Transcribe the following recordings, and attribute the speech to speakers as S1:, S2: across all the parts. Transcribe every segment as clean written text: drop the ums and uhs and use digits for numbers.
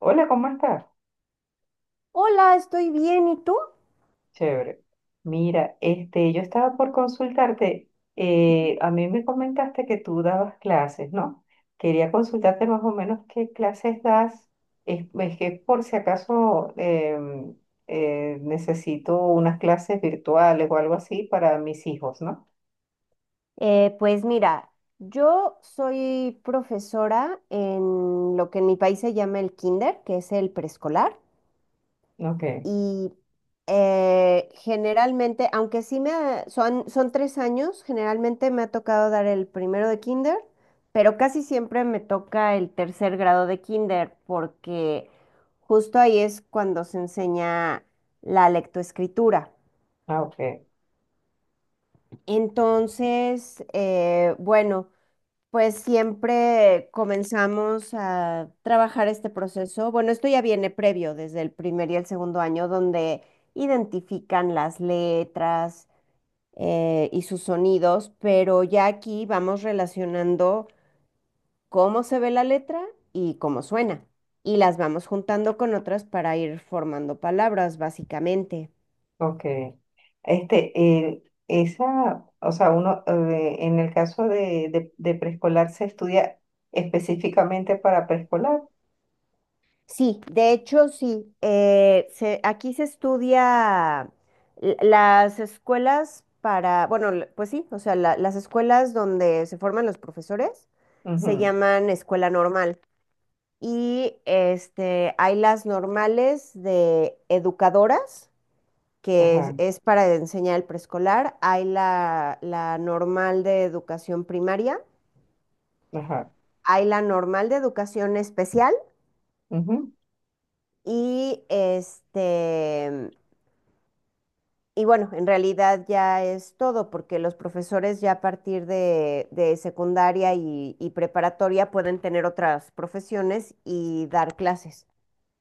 S1: Hola, ¿cómo estás?
S2: Hola, estoy bien. ¿Y tú?
S1: Chévere. Mira, este, yo estaba por consultarte. A mí me comentaste que tú dabas clases, ¿no? Quería consultarte más o menos qué clases das. Es que por si acaso necesito unas clases virtuales o algo así para mis hijos, ¿no?
S2: Pues mira, yo soy profesora en lo que en mi país se llama el kinder, que es el preescolar,
S1: Ok,
S2: y generalmente, aunque son 3 años, generalmente me ha tocado dar el primero de kinder, pero casi siempre me toca el tercer grado de kinder, porque justo ahí es cuando se enseña la lectoescritura.
S1: ah, ok.
S2: Entonces, bueno. Pues siempre comenzamos a trabajar este proceso. Bueno, esto ya viene previo desde el primer y el segundo año, donde identifican las letras, y sus sonidos, pero ya aquí vamos relacionando cómo se ve la letra y cómo suena. Y las vamos juntando con otras para ir formando palabras, básicamente.
S1: Ok. Este, esa, o sea, uno, en el caso de, de preescolar se estudia específicamente para preescolar.
S2: Sí, de hecho sí. Aquí se estudia las escuelas para, bueno, pues sí, o sea, las escuelas donde se forman los profesores se
S1: Ujú.
S2: llaman escuela normal y este, hay las normales de educadoras, que es,
S1: Ajá,
S2: es para enseñar el preescolar, hay la normal de educación primaria,
S1: ajá.
S2: hay la normal de educación especial y este... Y bueno, en realidad ya es todo, porque los profesores ya a partir de secundaria y preparatoria pueden tener otras profesiones y dar clases.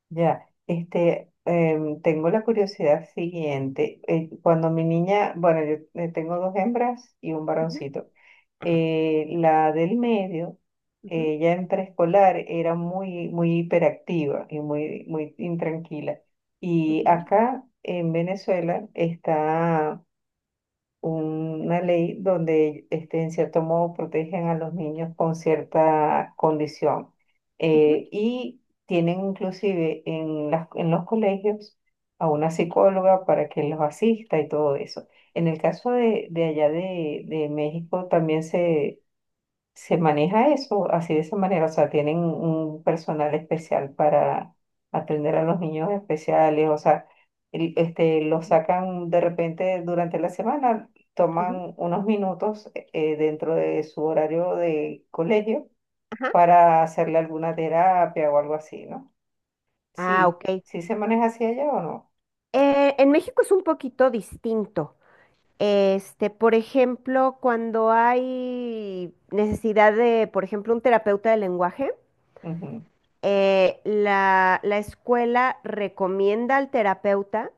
S1: Ya, este, tengo la curiosidad siguiente. Cuando mi niña, bueno, yo tengo dos hembras y un
S2: Ujú,
S1: varoncito. La del medio,
S2: ujú,
S1: ella en preescolar era muy, muy hiperactiva y muy, muy intranquila. Y
S2: ujú,
S1: acá en Venezuela está una ley donde este, en cierto modo protegen a los niños con cierta condición.
S2: ujú,
S1: Y tienen inclusive en en los colegios a una psicóloga para que los asista y todo eso. En el caso de, allá de México también se maneja eso así de esa manera, o sea, tienen un personal especial para atender a los niños especiales, o sea, este, los
S2: ujú,
S1: sacan de repente durante la semana,
S2: ujú.
S1: toman unos minutos dentro de su horario de colegio
S2: Ajá.
S1: para hacerle alguna terapia o algo así, ¿no?
S2: Ah,
S1: Sí,
S2: ok.
S1: sí se maneja así allá o no.
S2: En México es un poquito distinto. Este, por ejemplo, cuando hay necesidad de, por ejemplo, un terapeuta de lenguaje,
S1: Ujú.
S2: la, la escuela recomienda al terapeuta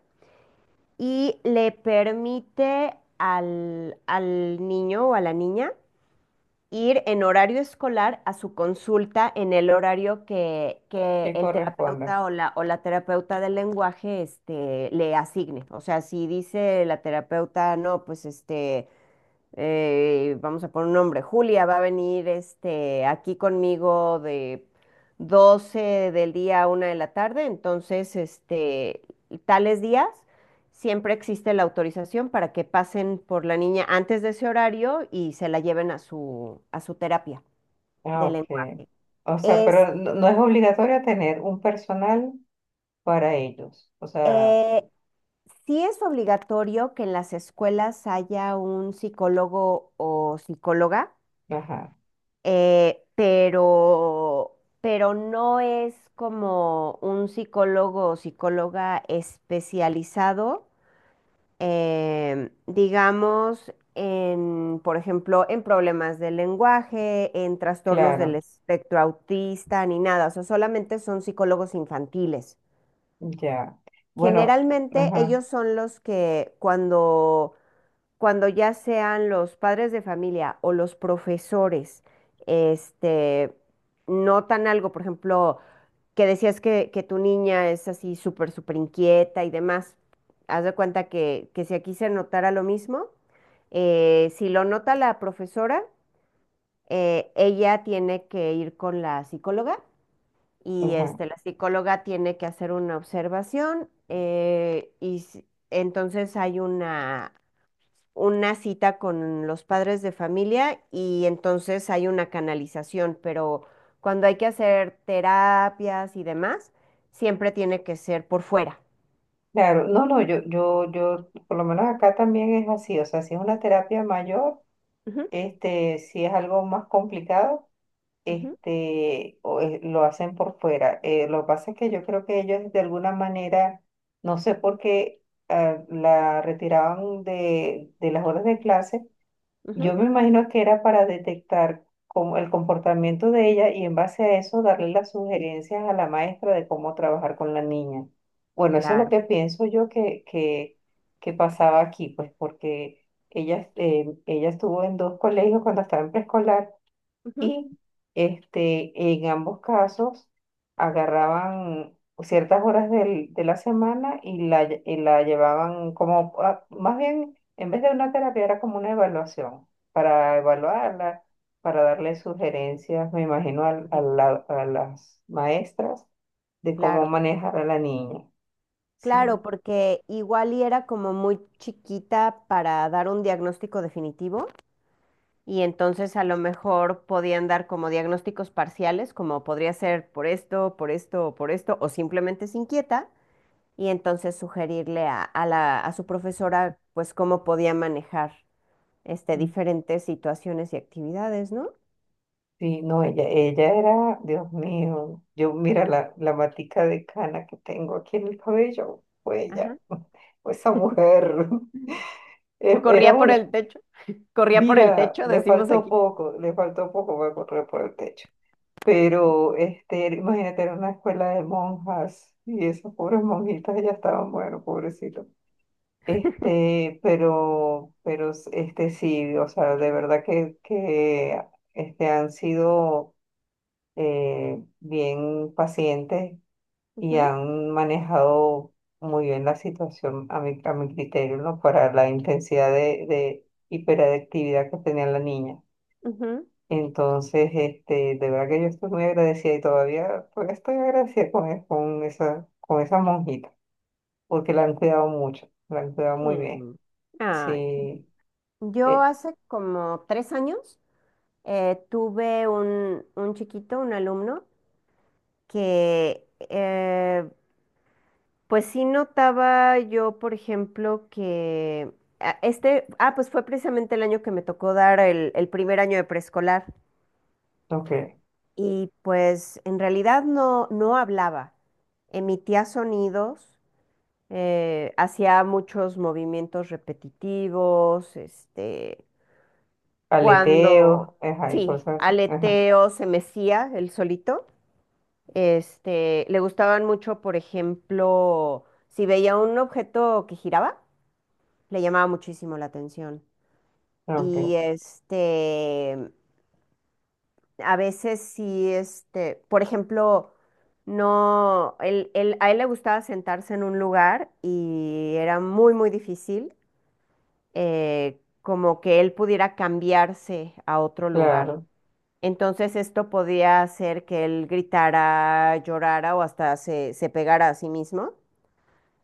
S2: y le permite al, al niño o a la niña ir en horario escolar a su consulta en el horario que
S1: ¿Qué
S2: el
S1: corresponde?
S2: terapeuta o la terapeuta del lenguaje este, le asigne. O sea, si dice la terapeuta, no, pues este vamos a poner un nombre, Julia va a venir este, aquí conmigo de 12 del día a una de la tarde, entonces este, tales días siempre existe la autorización para que pasen por la niña antes de ese horario y se la lleven a su terapia
S1: Ah,
S2: de
S1: ok.
S2: lenguaje.
S1: O sea,
S2: Es,
S1: pero no, no es obligatorio tener un personal para ellos. O sea,
S2: eh, sí es obligatorio que en las escuelas haya un psicólogo o psicóloga,
S1: ajá,
S2: pero no es como un psicólogo o psicóloga especializado, digamos, en, por ejemplo, en problemas del lenguaje, en trastornos del
S1: claro,
S2: espectro autista, ni nada, o sea, solamente son psicólogos infantiles.
S1: ya. Bueno,
S2: Generalmente
S1: ajá,
S2: ellos son los que cuando cuando ya sean los padres de familia o los profesores, este, notan algo, por ejemplo, que decías que tu niña es así súper, súper inquieta y demás, haz de cuenta que si aquí se notara lo mismo, si lo nota la profesora, ella tiene que ir con la psicóloga y
S1: ajá.
S2: este, la psicóloga tiene que hacer una observación, entonces hay una cita con los padres de familia y entonces hay una canalización, pero cuando hay que hacer terapias y demás, siempre tiene que ser por fuera.
S1: Claro, no, no, yo, yo, por lo menos acá también es así, o sea, si es una terapia mayor,
S2: Ujú,
S1: este, si es algo más complicado,
S2: ujú,
S1: este, lo hacen por fuera. Lo que pasa es que yo creo que ellos de alguna manera, no sé por qué, la retiraban de las horas de clase. Yo
S2: ujú.
S1: me imagino que era para detectar el comportamiento de ella y en base a eso darle las sugerencias a la maestra de cómo trabajar con la niña. Bueno, eso es lo
S2: Claro.
S1: que pienso yo que pasaba aquí, pues porque ella, ella estuvo en dos colegios cuando estaba en preescolar
S2: Ujú,
S1: y este, en ambos casos agarraban ciertas horas de la semana y y la llevaban como, más bien, en vez de una terapia era como una evaluación, para evaluarla, para darle sugerencias, me imagino,
S2: ujú.
S1: a las maestras de cómo
S2: Claro,
S1: manejar a la niña.
S2: claro,
S1: Sí.
S2: porque igual y era como muy chiquita para dar un diagnóstico definitivo y entonces a lo mejor podían dar como diagnósticos parciales, como podría ser por esto, o simplemente es inquieta. Y entonces sugerirle a la, a su profesora pues cómo podía manejar este, diferentes situaciones y actividades, ¿no?
S1: Sí, no, ella era, Dios mío, yo mira la, la matica de cana que tengo aquí en el cabello, fue ella,
S2: Ajá.
S1: fue esa mujer, era
S2: Corría por
S1: una,
S2: el techo, corría por el
S1: mira,
S2: techo, decimos aquí.
S1: le faltó poco para correr por el techo, pero este, imagínate, era una escuela de monjas y esas pobres monjitas ya estaban, bueno, pobrecitos, este, pero, este, sí, o sea, de verdad este, han sido bien pacientes y
S2: Ujú,
S1: han manejado muy bien la situación a mi criterio, ¿no? Para la intensidad de hiperactividad que tenía la niña.
S2: ujú.
S1: Entonces, este, de verdad que yo estoy muy agradecida y todavía, todavía estoy agradecida con, con esa monjita, porque la han cuidado mucho, la han cuidado muy bien.
S2: Mm. Ay,
S1: Sí,
S2: yo
S1: eh,
S2: hace como 3 años tuve un chiquito, un alumno, que pues sí notaba yo, por ejemplo, que este, pues fue precisamente el año que me tocó dar el primer año de preescolar
S1: ok.
S2: y pues en realidad no, no hablaba, emitía sonidos, hacía muchos movimientos repetitivos, este,
S1: Aleteo,
S2: cuando,
S1: ajá, y
S2: sí,
S1: cosas así. Ajá,
S2: aleteo, se mecía el solito, este, le gustaban mucho, por ejemplo, si veía un objeto que giraba le llamaba muchísimo la atención. Y
S1: ok,
S2: este, a veces sí, este, por ejemplo, no, él, a él le gustaba sentarse en un lugar y era muy, muy difícil, como que él pudiera cambiarse a otro lugar.
S1: claro.
S2: Entonces esto podía hacer que él gritara, llorara o hasta se, se pegara a sí mismo.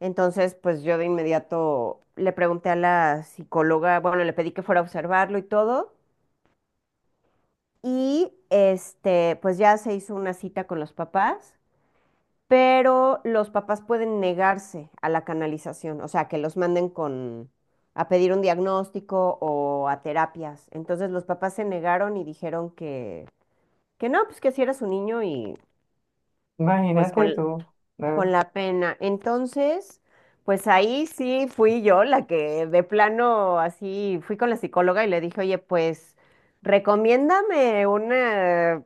S2: Entonces, pues yo de inmediato le pregunté a la psicóloga, bueno, le pedí que fuera a observarlo y todo, y este, pues ya se hizo una cita con los papás, pero los papás pueden negarse a la canalización, o sea, que los manden con a pedir un diagnóstico o a terapias. Entonces, los papás se negaron y dijeron que no, pues que si era su niño y pues
S1: Imagínate tú,
S2: con
S1: ¿no?
S2: la pena. Entonces, pues ahí sí fui yo la que de plano así fui con la psicóloga y le dije, oye, pues recomiéndame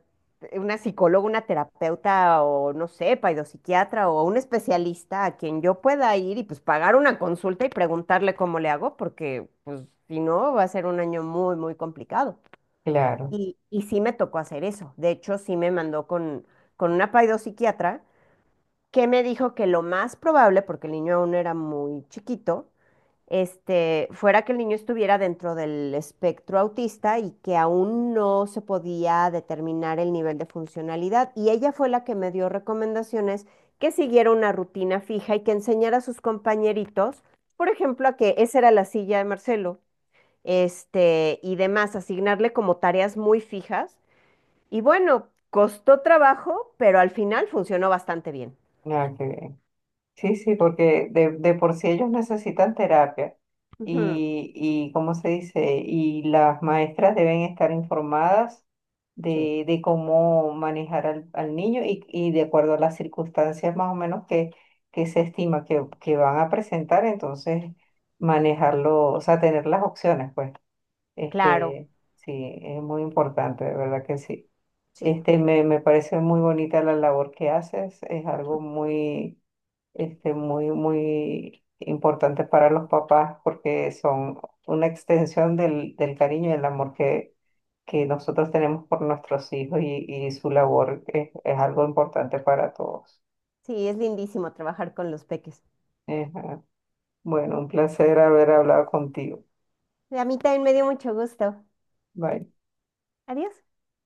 S2: una psicóloga, una terapeuta o no sé, psiquiatra o un especialista a quien yo pueda ir y pues pagar una consulta y preguntarle cómo le hago, porque pues si no va a ser un año muy, muy complicado.
S1: Claro.
S2: Y sí me tocó hacer eso. De hecho, sí me mandó con una psiquiatra que me dijo que lo más probable, porque el niño aún era muy chiquito, este, fuera que el niño estuviera dentro del espectro autista y que aún no se podía determinar el nivel de funcionalidad. Y ella fue la que me dio recomendaciones que siguiera una rutina fija y que enseñara a sus compañeritos, por ejemplo, a que esa era la silla de Marcelo, este, y demás, asignarle como tareas muy fijas. Y bueno, costó trabajo, pero al final funcionó bastante bien.
S1: Ah, qué bien. Sí, sí, porque de por sí ellos necesitan terapia
S2: Ujú.
S1: y, ¿cómo se dice? Y las maestras deben estar informadas
S2: Sí,
S1: de cómo manejar al, al niño y de acuerdo a las circunstancias más o menos que se estima que van a presentar, entonces manejarlo, o sea, tener las opciones, pues.
S2: claro,
S1: Este, sí, es muy importante, de verdad que sí.
S2: sí.
S1: Este, me parece muy bonita la labor que haces, es algo muy este, muy, muy importantes para los papás porque son una extensión del, del cariño y el amor que nosotros tenemos por nuestros hijos y su labor es algo importante para todos.
S2: Sí, es lindísimo trabajar con los peques.
S1: Ajá. Bueno, un placer haber hablado contigo.
S2: A mí también me dio mucho gusto.
S1: Bye.
S2: Adiós.